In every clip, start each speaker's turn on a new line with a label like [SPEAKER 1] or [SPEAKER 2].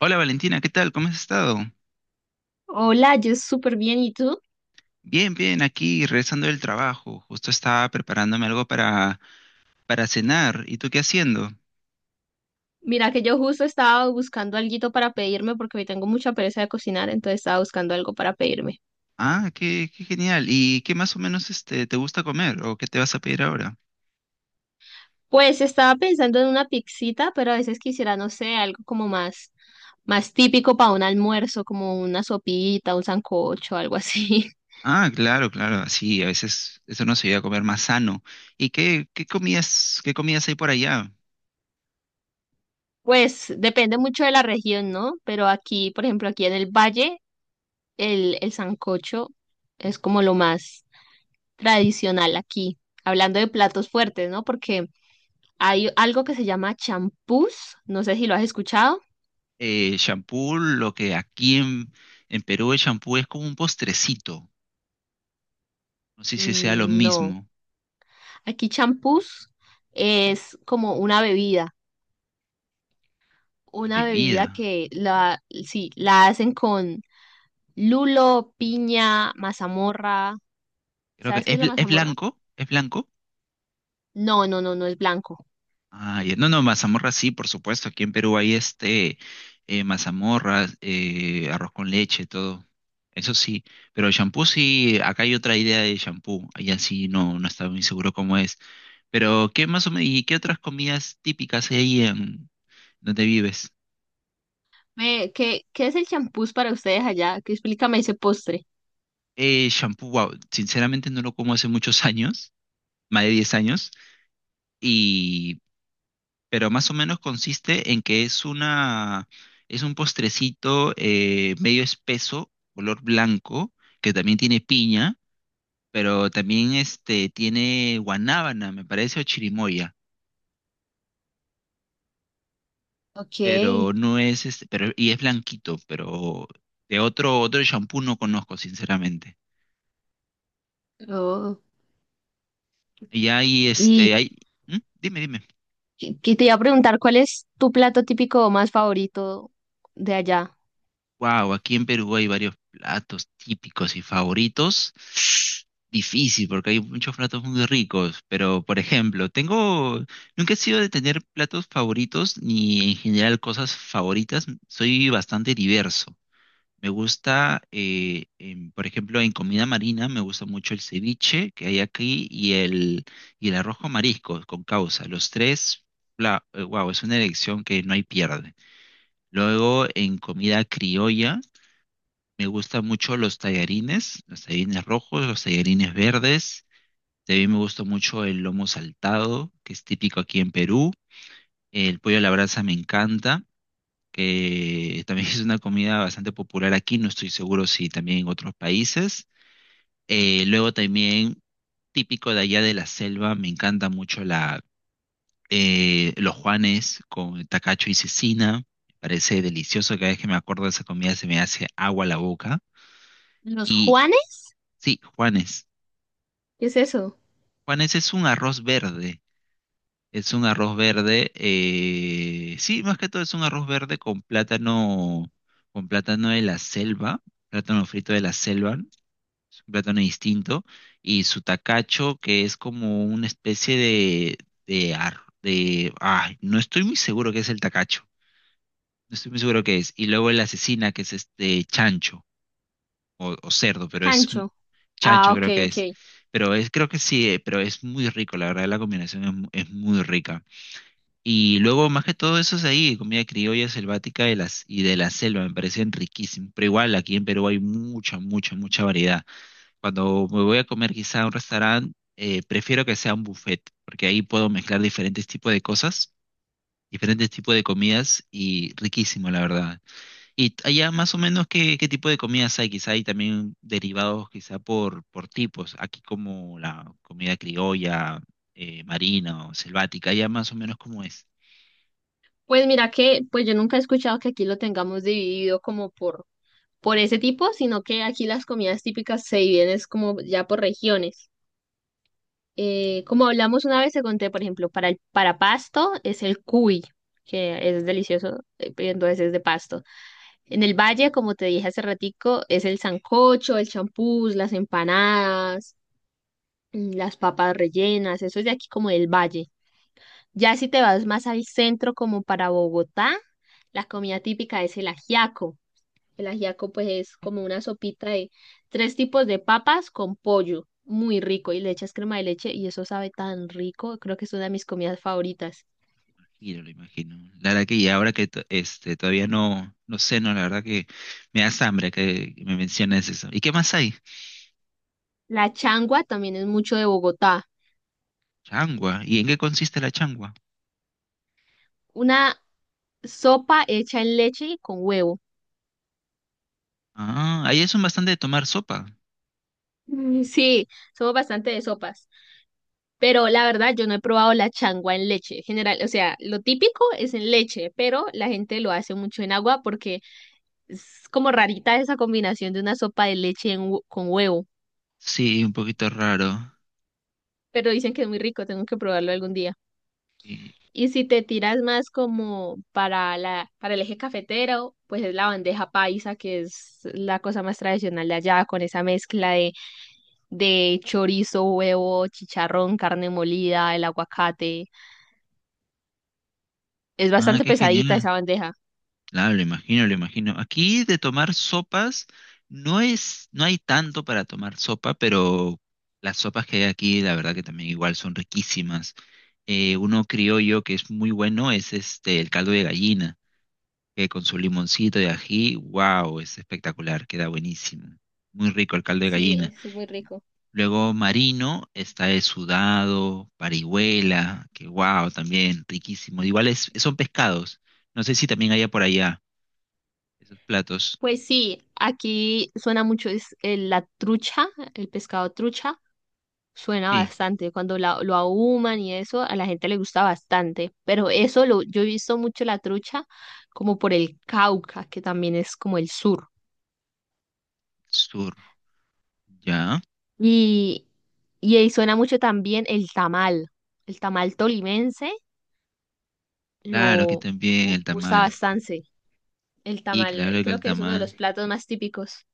[SPEAKER 1] Hola Valentina, ¿qué tal? ¿Cómo has estado?
[SPEAKER 2] Hola, yo súper bien. ¿Y tú?
[SPEAKER 1] Bien, bien, aquí regresando del trabajo. Justo estaba preparándome algo para cenar. ¿Y tú qué haciendo?
[SPEAKER 2] Mira que yo justo estaba buscando alguito para pedirme porque hoy tengo mucha pereza de cocinar, entonces estaba buscando algo para pedirme.
[SPEAKER 1] Ah, qué, qué genial. ¿Y qué más o menos te gusta comer o qué te vas a pedir ahora?
[SPEAKER 2] Pues estaba pensando en una pixita, pero a veces quisiera, no sé, algo como más, más típico para un almuerzo, como una sopita, un sancocho, algo así.
[SPEAKER 1] Ah, claro, claro. Sí, a veces eso nos ayuda a comer más sano. ¿Y qué, qué comidas hay por allá?
[SPEAKER 2] Pues depende mucho de la región, ¿no? Pero aquí, por ejemplo, aquí en el valle, el sancocho es como lo más tradicional aquí. Hablando de platos fuertes, ¿no? Porque hay algo que se llama champús, no sé si lo has escuchado.
[SPEAKER 1] Champú, lo que aquí en Perú el champú es como un postrecito. No sé si sea lo
[SPEAKER 2] Mm, no,
[SPEAKER 1] mismo.
[SPEAKER 2] aquí champús es como
[SPEAKER 1] Una
[SPEAKER 2] una bebida
[SPEAKER 1] bebida.
[SPEAKER 2] que la, sí, la hacen con lulo, piña, mazamorra.
[SPEAKER 1] Creo que
[SPEAKER 2] ¿Sabes qué
[SPEAKER 1] es,
[SPEAKER 2] es la
[SPEAKER 1] es
[SPEAKER 2] mazamorra?
[SPEAKER 1] blanco, es blanco.
[SPEAKER 2] No, no, no, no es blanco.
[SPEAKER 1] Ah, ya. No, no, mazamorra sí, por supuesto. Aquí en Perú hay mazamorra, arroz con leche, todo. Eso sí. Pero el shampoo sí, acá hay otra idea de champú. Allá sí no, no estaba muy seguro cómo es. Pero, ¿qué más o menos, y qué otras comidas típicas hay ahí en donde vives?
[SPEAKER 2] ¿Qué, qué es el champús para ustedes allá? Que explícame ese postre.
[SPEAKER 1] Shampoo, wow, sinceramente no lo como hace muchos años, más de 10 años. y pero más o menos consiste en que es una, es un postrecito medio espeso, color blanco, que también tiene piña, pero también tiene guanábana, me parece, o chirimoya,
[SPEAKER 2] Ok.
[SPEAKER 1] pero no es, y es blanquito, pero de otro, otro shampoo no conozco, sinceramente.
[SPEAKER 2] Oh.
[SPEAKER 1] Y hay,
[SPEAKER 2] Y
[SPEAKER 1] hay, ¿Mm? Dime, dime.
[SPEAKER 2] que te iba a preguntar, ¿cuál es tu plato típico más favorito de allá?
[SPEAKER 1] Wow, aquí en Perú hay varios platos típicos y favoritos. Difícil, porque hay muchos platos muy ricos, pero por ejemplo, tengo, nunca he sido de tener platos favoritos ni en general cosas favoritas, soy bastante diverso. Me gusta, por ejemplo, en comida marina me gusta mucho el ceviche que hay aquí y el arroz con mariscos con causa. Los tres, wow, es una elección que no hay pierde. Luego en comida criolla. Me gustan mucho los tallarines rojos, los tallarines verdes. También me gusta mucho el lomo saltado, que es típico aquí en Perú. El pollo a la brasa me encanta, que también es una comida bastante popular aquí, no estoy seguro si también en otros países. Luego también, típico de allá de la selva, me encanta mucho los juanes con tacacho y cecina. Me parece delicioso, cada vez que me acuerdo de esa comida se me hace agua la boca.
[SPEAKER 2] ¿Los
[SPEAKER 1] Y
[SPEAKER 2] Juanes?
[SPEAKER 1] sí, juanes.
[SPEAKER 2] ¿Qué es eso?
[SPEAKER 1] Juan, ese es un arroz verde. Es un arroz verde. Sí, más que todo es un arroz verde con plátano de la selva, plátano frito de la selva, es un plátano distinto. Y su tacacho, que es como una especie de, de, ay, no estoy muy seguro qué es el tacacho. No estoy muy seguro qué es. Y luego el asesina, que es este chancho o cerdo, pero es.
[SPEAKER 2] Chancho. Ah,
[SPEAKER 1] Chancho
[SPEAKER 2] ok,
[SPEAKER 1] creo que es.
[SPEAKER 2] ok.
[SPEAKER 1] Pero es, creo que sí, pero es muy rico, la verdad, la combinación es, es muy rica. Y luego, más que todo eso es ahí, comida criolla selvática de las, y de la selva, me parecen riquísimos. Pero igual, aquí en Perú hay mucha, mucha, mucha variedad. Cuando me voy a comer quizá a un restaurante, prefiero que sea un buffet, porque ahí puedo mezclar diferentes tipos de cosas, diferentes tipos de comidas y riquísimo, la verdad. Y allá más o menos qué, qué tipo de comidas hay, quizá hay también derivados quizá por tipos, aquí como la comida criolla, marina o selvática, allá más o menos como es.
[SPEAKER 2] Pues mira que, pues yo nunca he escuchado que aquí lo tengamos dividido como por ese tipo, sino que aquí las comidas típicas se dividen es como ya por regiones. Como hablamos una vez, te conté, por ejemplo, para para Pasto es el cuy, que es delicioso, pero entonces es de Pasto. En el Valle, como te dije hace ratico, es el sancocho, el champús, las empanadas, mm, las papas rellenas, eso es de aquí como del Valle. Ya si te vas más al centro, como para Bogotá, la comida típica es el ajiaco. El ajiaco, pues, es como una sopita de tres tipos de papas con pollo, muy rico, y le echas crema de leche, y eso sabe tan rico. Creo que es una de mis comidas favoritas.
[SPEAKER 1] Giro, lo imagino. La verdad que y ahora que todavía no, no sé, no, la verdad que me da hambre que me menciones eso. ¿Y qué más hay?
[SPEAKER 2] La changua también es mucho de Bogotá.
[SPEAKER 1] Changua. ¿Y en qué consiste la changua?
[SPEAKER 2] Una sopa hecha en leche y con huevo.
[SPEAKER 1] Ah, ahí es un bastante de tomar sopa.
[SPEAKER 2] Mm, sí, somos bastante de sopas. Pero la verdad, yo no he probado la changua en leche. General, o sea, lo típico es en leche, pero la gente lo hace mucho en agua porque es como rarita esa combinación de una sopa de leche en con huevo.
[SPEAKER 1] Sí, un poquito raro.
[SPEAKER 2] Pero dicen que es muy rico, tengo que probarlo algún día.
[SPEAKER 1] Y-
[SPEAKER 2] Y si te tiras más como para la, para el eje cafetero, pues es la bandeja paisa, que es la cosa más tradicional de allá, con esa mezcla de chorizo, huevo, chicharrón, carne molida, el aguacate. Es
[SPEAKER 1] ah,
[SPEAKER 2] bastante
[SPEAKER 1] qué
[SPEAKER 2] pesadita
[SPEAKER 1] genial.
[SPEAKER 2] esa bandeja.
[SPEAKER 1] Claro, lo imagino, lo imagino. Aquí de tomar sopas, no es, no hay tanto para tomar sopa, pero las sopas que hay aquí, la verdad que también igual son riquísimas. Uno criollo que es muy bueno es el caldo de gallina, que con su limoncito de ají, wow, es espectacular, queda buenísimo. Muy rico el caldo de
[SPEAKER 2] Sí,
[SPEAKER 1] gallina.
[SPEAKER 2] eso es muy rico.
[SPEAKER 1] Luego marino, está el sudado, parihuela, que wow, también riquísimo. Igual es, son pescados. No sé si también haya por allá. Esos platos.
[SPEAKER 2] Pues sí, aquí suena mucho es, la trucha, el pescado trucha, suena
[SPEAKER 1] Sí,
[SPEAKER 2] bastante. Cuando lo ahuman y eso, a la gente le gusta bastante. Pero eso lo, yo he visto mucho la trucha como por el Cauca, que también es como el sur.
[SPEAKER 1] sur. Ya.
[SPEAKER 2] Y, y ahí suena mucho también el tamal. El tamal tolimense
[SPEAKER 1] Claro, aquí
[SPEAKER 2] lo
[SPEAKER 1] también el
[SPEAKER 2] gusta
[SPEAKER 1] tamal.
[SPEAKER 2] bastante. El
[SPEAKER 1] Y
[SPEAKER 2] tamal
[SPEAKER 1] claro que
[SPEAKER 2] creo
[SPEAKER 1] el
[SPEAKER 2] que es uno de
[SPEAKER 1] tamal.
[SPEAKER 2] los platos más típicos.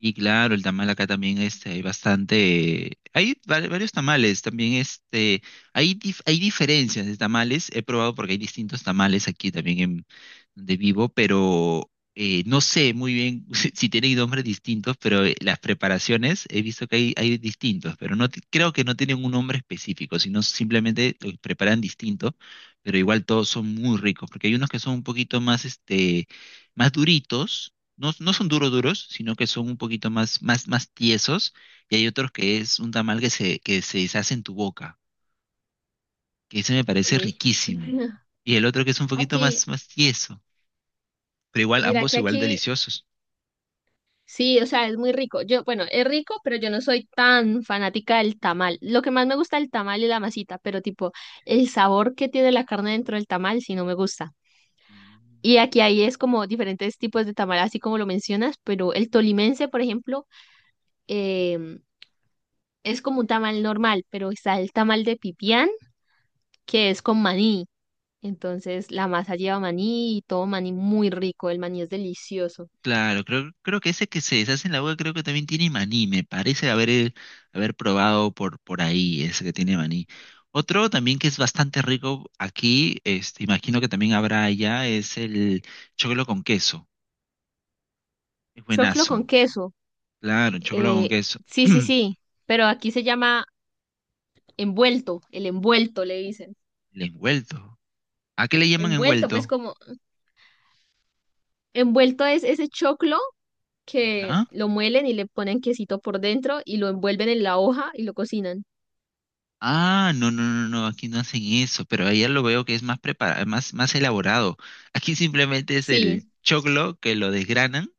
[SPEAKER 1] Y claro, el tamal acá también hay bastante. Hay varios tamales también. Hay, hay diferencias de tamales. He probado porque hay distintos tamales aquí también en donde vivo, pero no sé muy bien si, si tienen nombres distintos, pero las preparaciones he visto que hay distintos, pero creo que no tienen un nombre específico, sino simplemente lo preparan distinto, pero igual todos son muy ricos, porque hay unos que son un poquito más, más duritos, no, no son duros duros, sino que son un poquito más, más, más tiesos, y hay otros que es un tamal que se deshace en tu boca, que ese me parece
[SPEAKER 2] Uy.
[SPEAKER 1] riquísimo. Y el otro que es un poquito
[SPEAKER 2] Aquí
[SPEAKER 1] más, más tieso, pero igual,
[SPEAKER 2] Mira
[SPEAKER 1] ambos
[SPEAKER 2] que
[SPEAKER 1] igual
[SPEAKER 2] aquí,
[SPEAKER 1] deliciosos.
[SPEAKER 2] sí, o sea, es muy rico. Yo, bueno, es rico, pero yo no soy tan fanática del tamal. Lo que más me gusta es el tamal y la masita, pero tipo, el sabor que tiene la carne dentro del tamal sí no me gusta. Y
[SPEAKER 1] Mm.
[SPEAKER 2] aquí ahí es como diferentes tipos de tamal, así como lo mencionas, pero el tolimense, por ejemplo, em, es como un tamal normal, pero está el tamal de pipián, que es con maní. Entonces, la masa lleva maní y todo maní muy rico, el maní es delicioso.
[SPEAKER 1] Claro, creo, creo que ese que se deshace en la boca creo que también tiene maní, me parece haber, haber probado por ahí ese que tiene maní. Otro también que es bastante rico aquí, imagino que también habrá allá, es el choclo con queso, es
[SPEAKER 2] Choclo con
[SPEAKER 1] buenazo.
[SPEAKER 2] queso.
[SPEAKER 1] Claro, un chocolate con
[SPEAKER 2] Eh,
[SPEAKER 1] queso.
[SPEAKER 2] sí, sí,
[SPEAKER 1] El
[SPEAKER 2] sí, pero aquí se llama envuelto, el envuelto le dicen.
[SPEAKER 1] envuelto. ¿A qué le llaman
[SPEAKER 2] Envuelto, pues
[SPEAKER 1] envuelto?
[SPEAKER 2] como envuelto es ese choclo que
[SPEAKER 1] ¿Ya?
[SPEAKER 2] lo muelen y le ponen quesito por dentro y lo envuelven en la hoja y lo cocinan.
[SPEAKER 1] Ah, no, no, no, no, aquí no hacen eso, pero allá lo veo que es más preparado, más, más elaborado. Aquí simplemente es el
[SPEAKER 2] Sí.
[SPEAKER 1] choclo que lo desgranan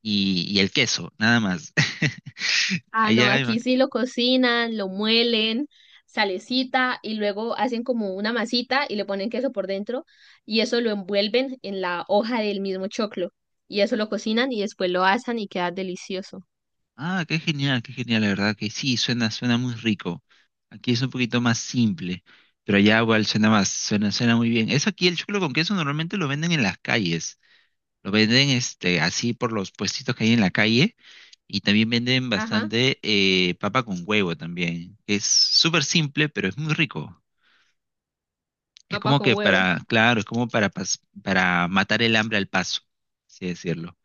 [SPEAKER 1] y el queso, nada más.
[SPEAKER 2] Ah, no,
[SPEAKER 1] Allá, hay
[SPEAKER 2] aquí sí lo cocinan, lo muelen, salecita y luego hacen como una masita y le ponen queso por dentro y eso lo envuelven en la hoja del mismo choclo y eso lo cocinan y después lo asan y queda delicioso.
[SPEAKER 1] ah, qué genial, la verdad que sí, suena, suena muy rico. Aquí es un poquito más simple, pero allá igual suena más, suena, suena muy bien. Eso aquí el choclo con queso normalmente lo venden en las calles. Lo venden así por los puestitos que hay en la calle y también venden
[SPEAKER 2] Ajá,
[SPEAKER 1] bastante papa con huevo también. Es súper simple, pero es muy rico. Es
[SPEAKER 2] papa
[SPEAKER 1] como
[SPEAKER 2] con
[SPEAKER 1] que
[SPEAKER 2] huevo.
[SPEAKER 1] para, claro, es como para, para matar el hambre al paso, así decirlo.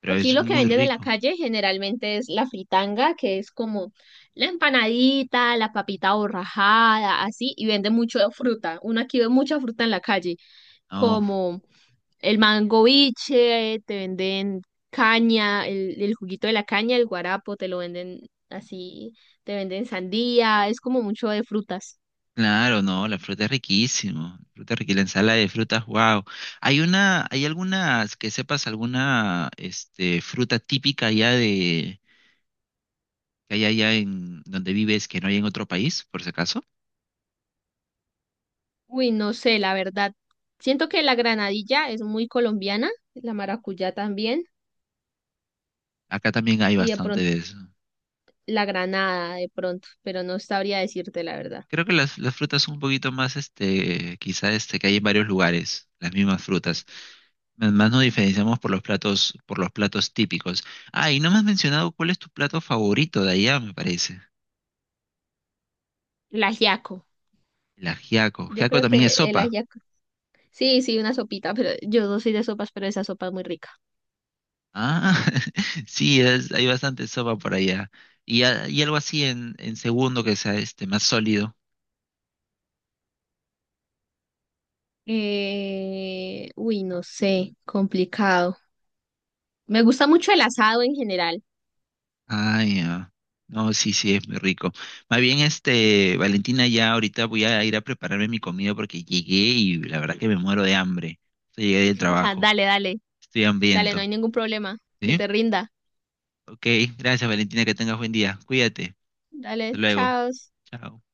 [SPEAKER 1] Pero
[SPEAKER 2] Aquí
[SPEAKER 1] es
[SPEAKER 2] lo que
[SPEAKER 1] muy
[SPEAKER 2] venden en la
[SPEAKER 1] rico.
[SPEAKER 2] calle generalmente es la fritanga, que es como la empanadita, la papita borrajada, así, y venden mucho de fruta. Uno aquí ve mucha fruta en la calle,
[SPEAKER 1] Oh,
[SPEAKER 2] como el mango biche, te venden caña, el juguito de la caña, el guarapo, te lo venden así, te venden sandía, es como mucho de frutas.
[SPEAKER 1] claro, no, la fruta es riquísimo. La fruta es riquísima, la ensalada de frutas, wow. Hay una, hay algunas que sepas alguna fruta típica allá de, que hay allá en donde vives que no hay en otro país, por si acaso.
[SPEAKER 2] Uy, no sé, la verdad. Siento que la granadilla es muy colombiana, la maracuyá también.
[SPEAKER 1] Acá también hay
[SPEAKER 2] Y de
[SPEAKER 1] bastante
[SPEAKER 2] pronto
[SPEAKER 1] de eso.
[SPEAKER 2] la granada de pronto, pero no sabría decirte la verdad.
[SPEAKER 1] Creo que las frutas son un poquito más, que hay en varios lugares, las mismas frutas. Más más nos diferenciamos por los platos típicos. Ah, y no me has mencionado cuál es tu plato favorito de allá, me parece.
[SPEAKER 2] El ajiaco.
[SPEAKER 1] El ajiaco.
[SPEAKER 2] Yo
[SPEAKER 1] Ajiaco
[SPEAKER 2] creo
[SPEAKER 1] también es
[SPEAKER 2] que el
[SPEAKER 1] sopa.
[SPEAKER 2] ajiaco. Sí, sí, una sopita, pero yo no soy de sopas, pero esa sopa es muy rica.
[SPEAKER 1] Ah, sí, hay bastante sopa por allá. Y, y algo así en segundo que sea más sólido.
[SPEAKER 2] Uy, no sé, complicado. Me gusta mucho el asado en general.
[SPEAKER 1] Ah, ya. No, sí, sí, es muy rico. Más bien, este, Valentina, ya ahorita voy a ir a prepararme mi comida porque llegué y la verdad que me muero de hambre. O sea, llegué del
[SPEAKER 2] Ajá,
[SPEAKER 1] trabajo.
[SPEAKER 2] dale, dale,
[SPEAKER 1] Estoy
[SPEAKER 2] dale, no
[SPEAKER 1] hambriento.
[SPEAKER 2] hay ningún problema. Que
[SPEAKER 1] ¿Sí?
[SPEAKER 2] te rinda.
[SPEAKER 1] Ok, gracias, Valentina, que tengas buen día. Cuídate. Hasta
[SPEAKER 2] Dale,
[SPEAKER 1] luego.
[SPEAKER 2] chao.
[SPEAKER 1] Chao.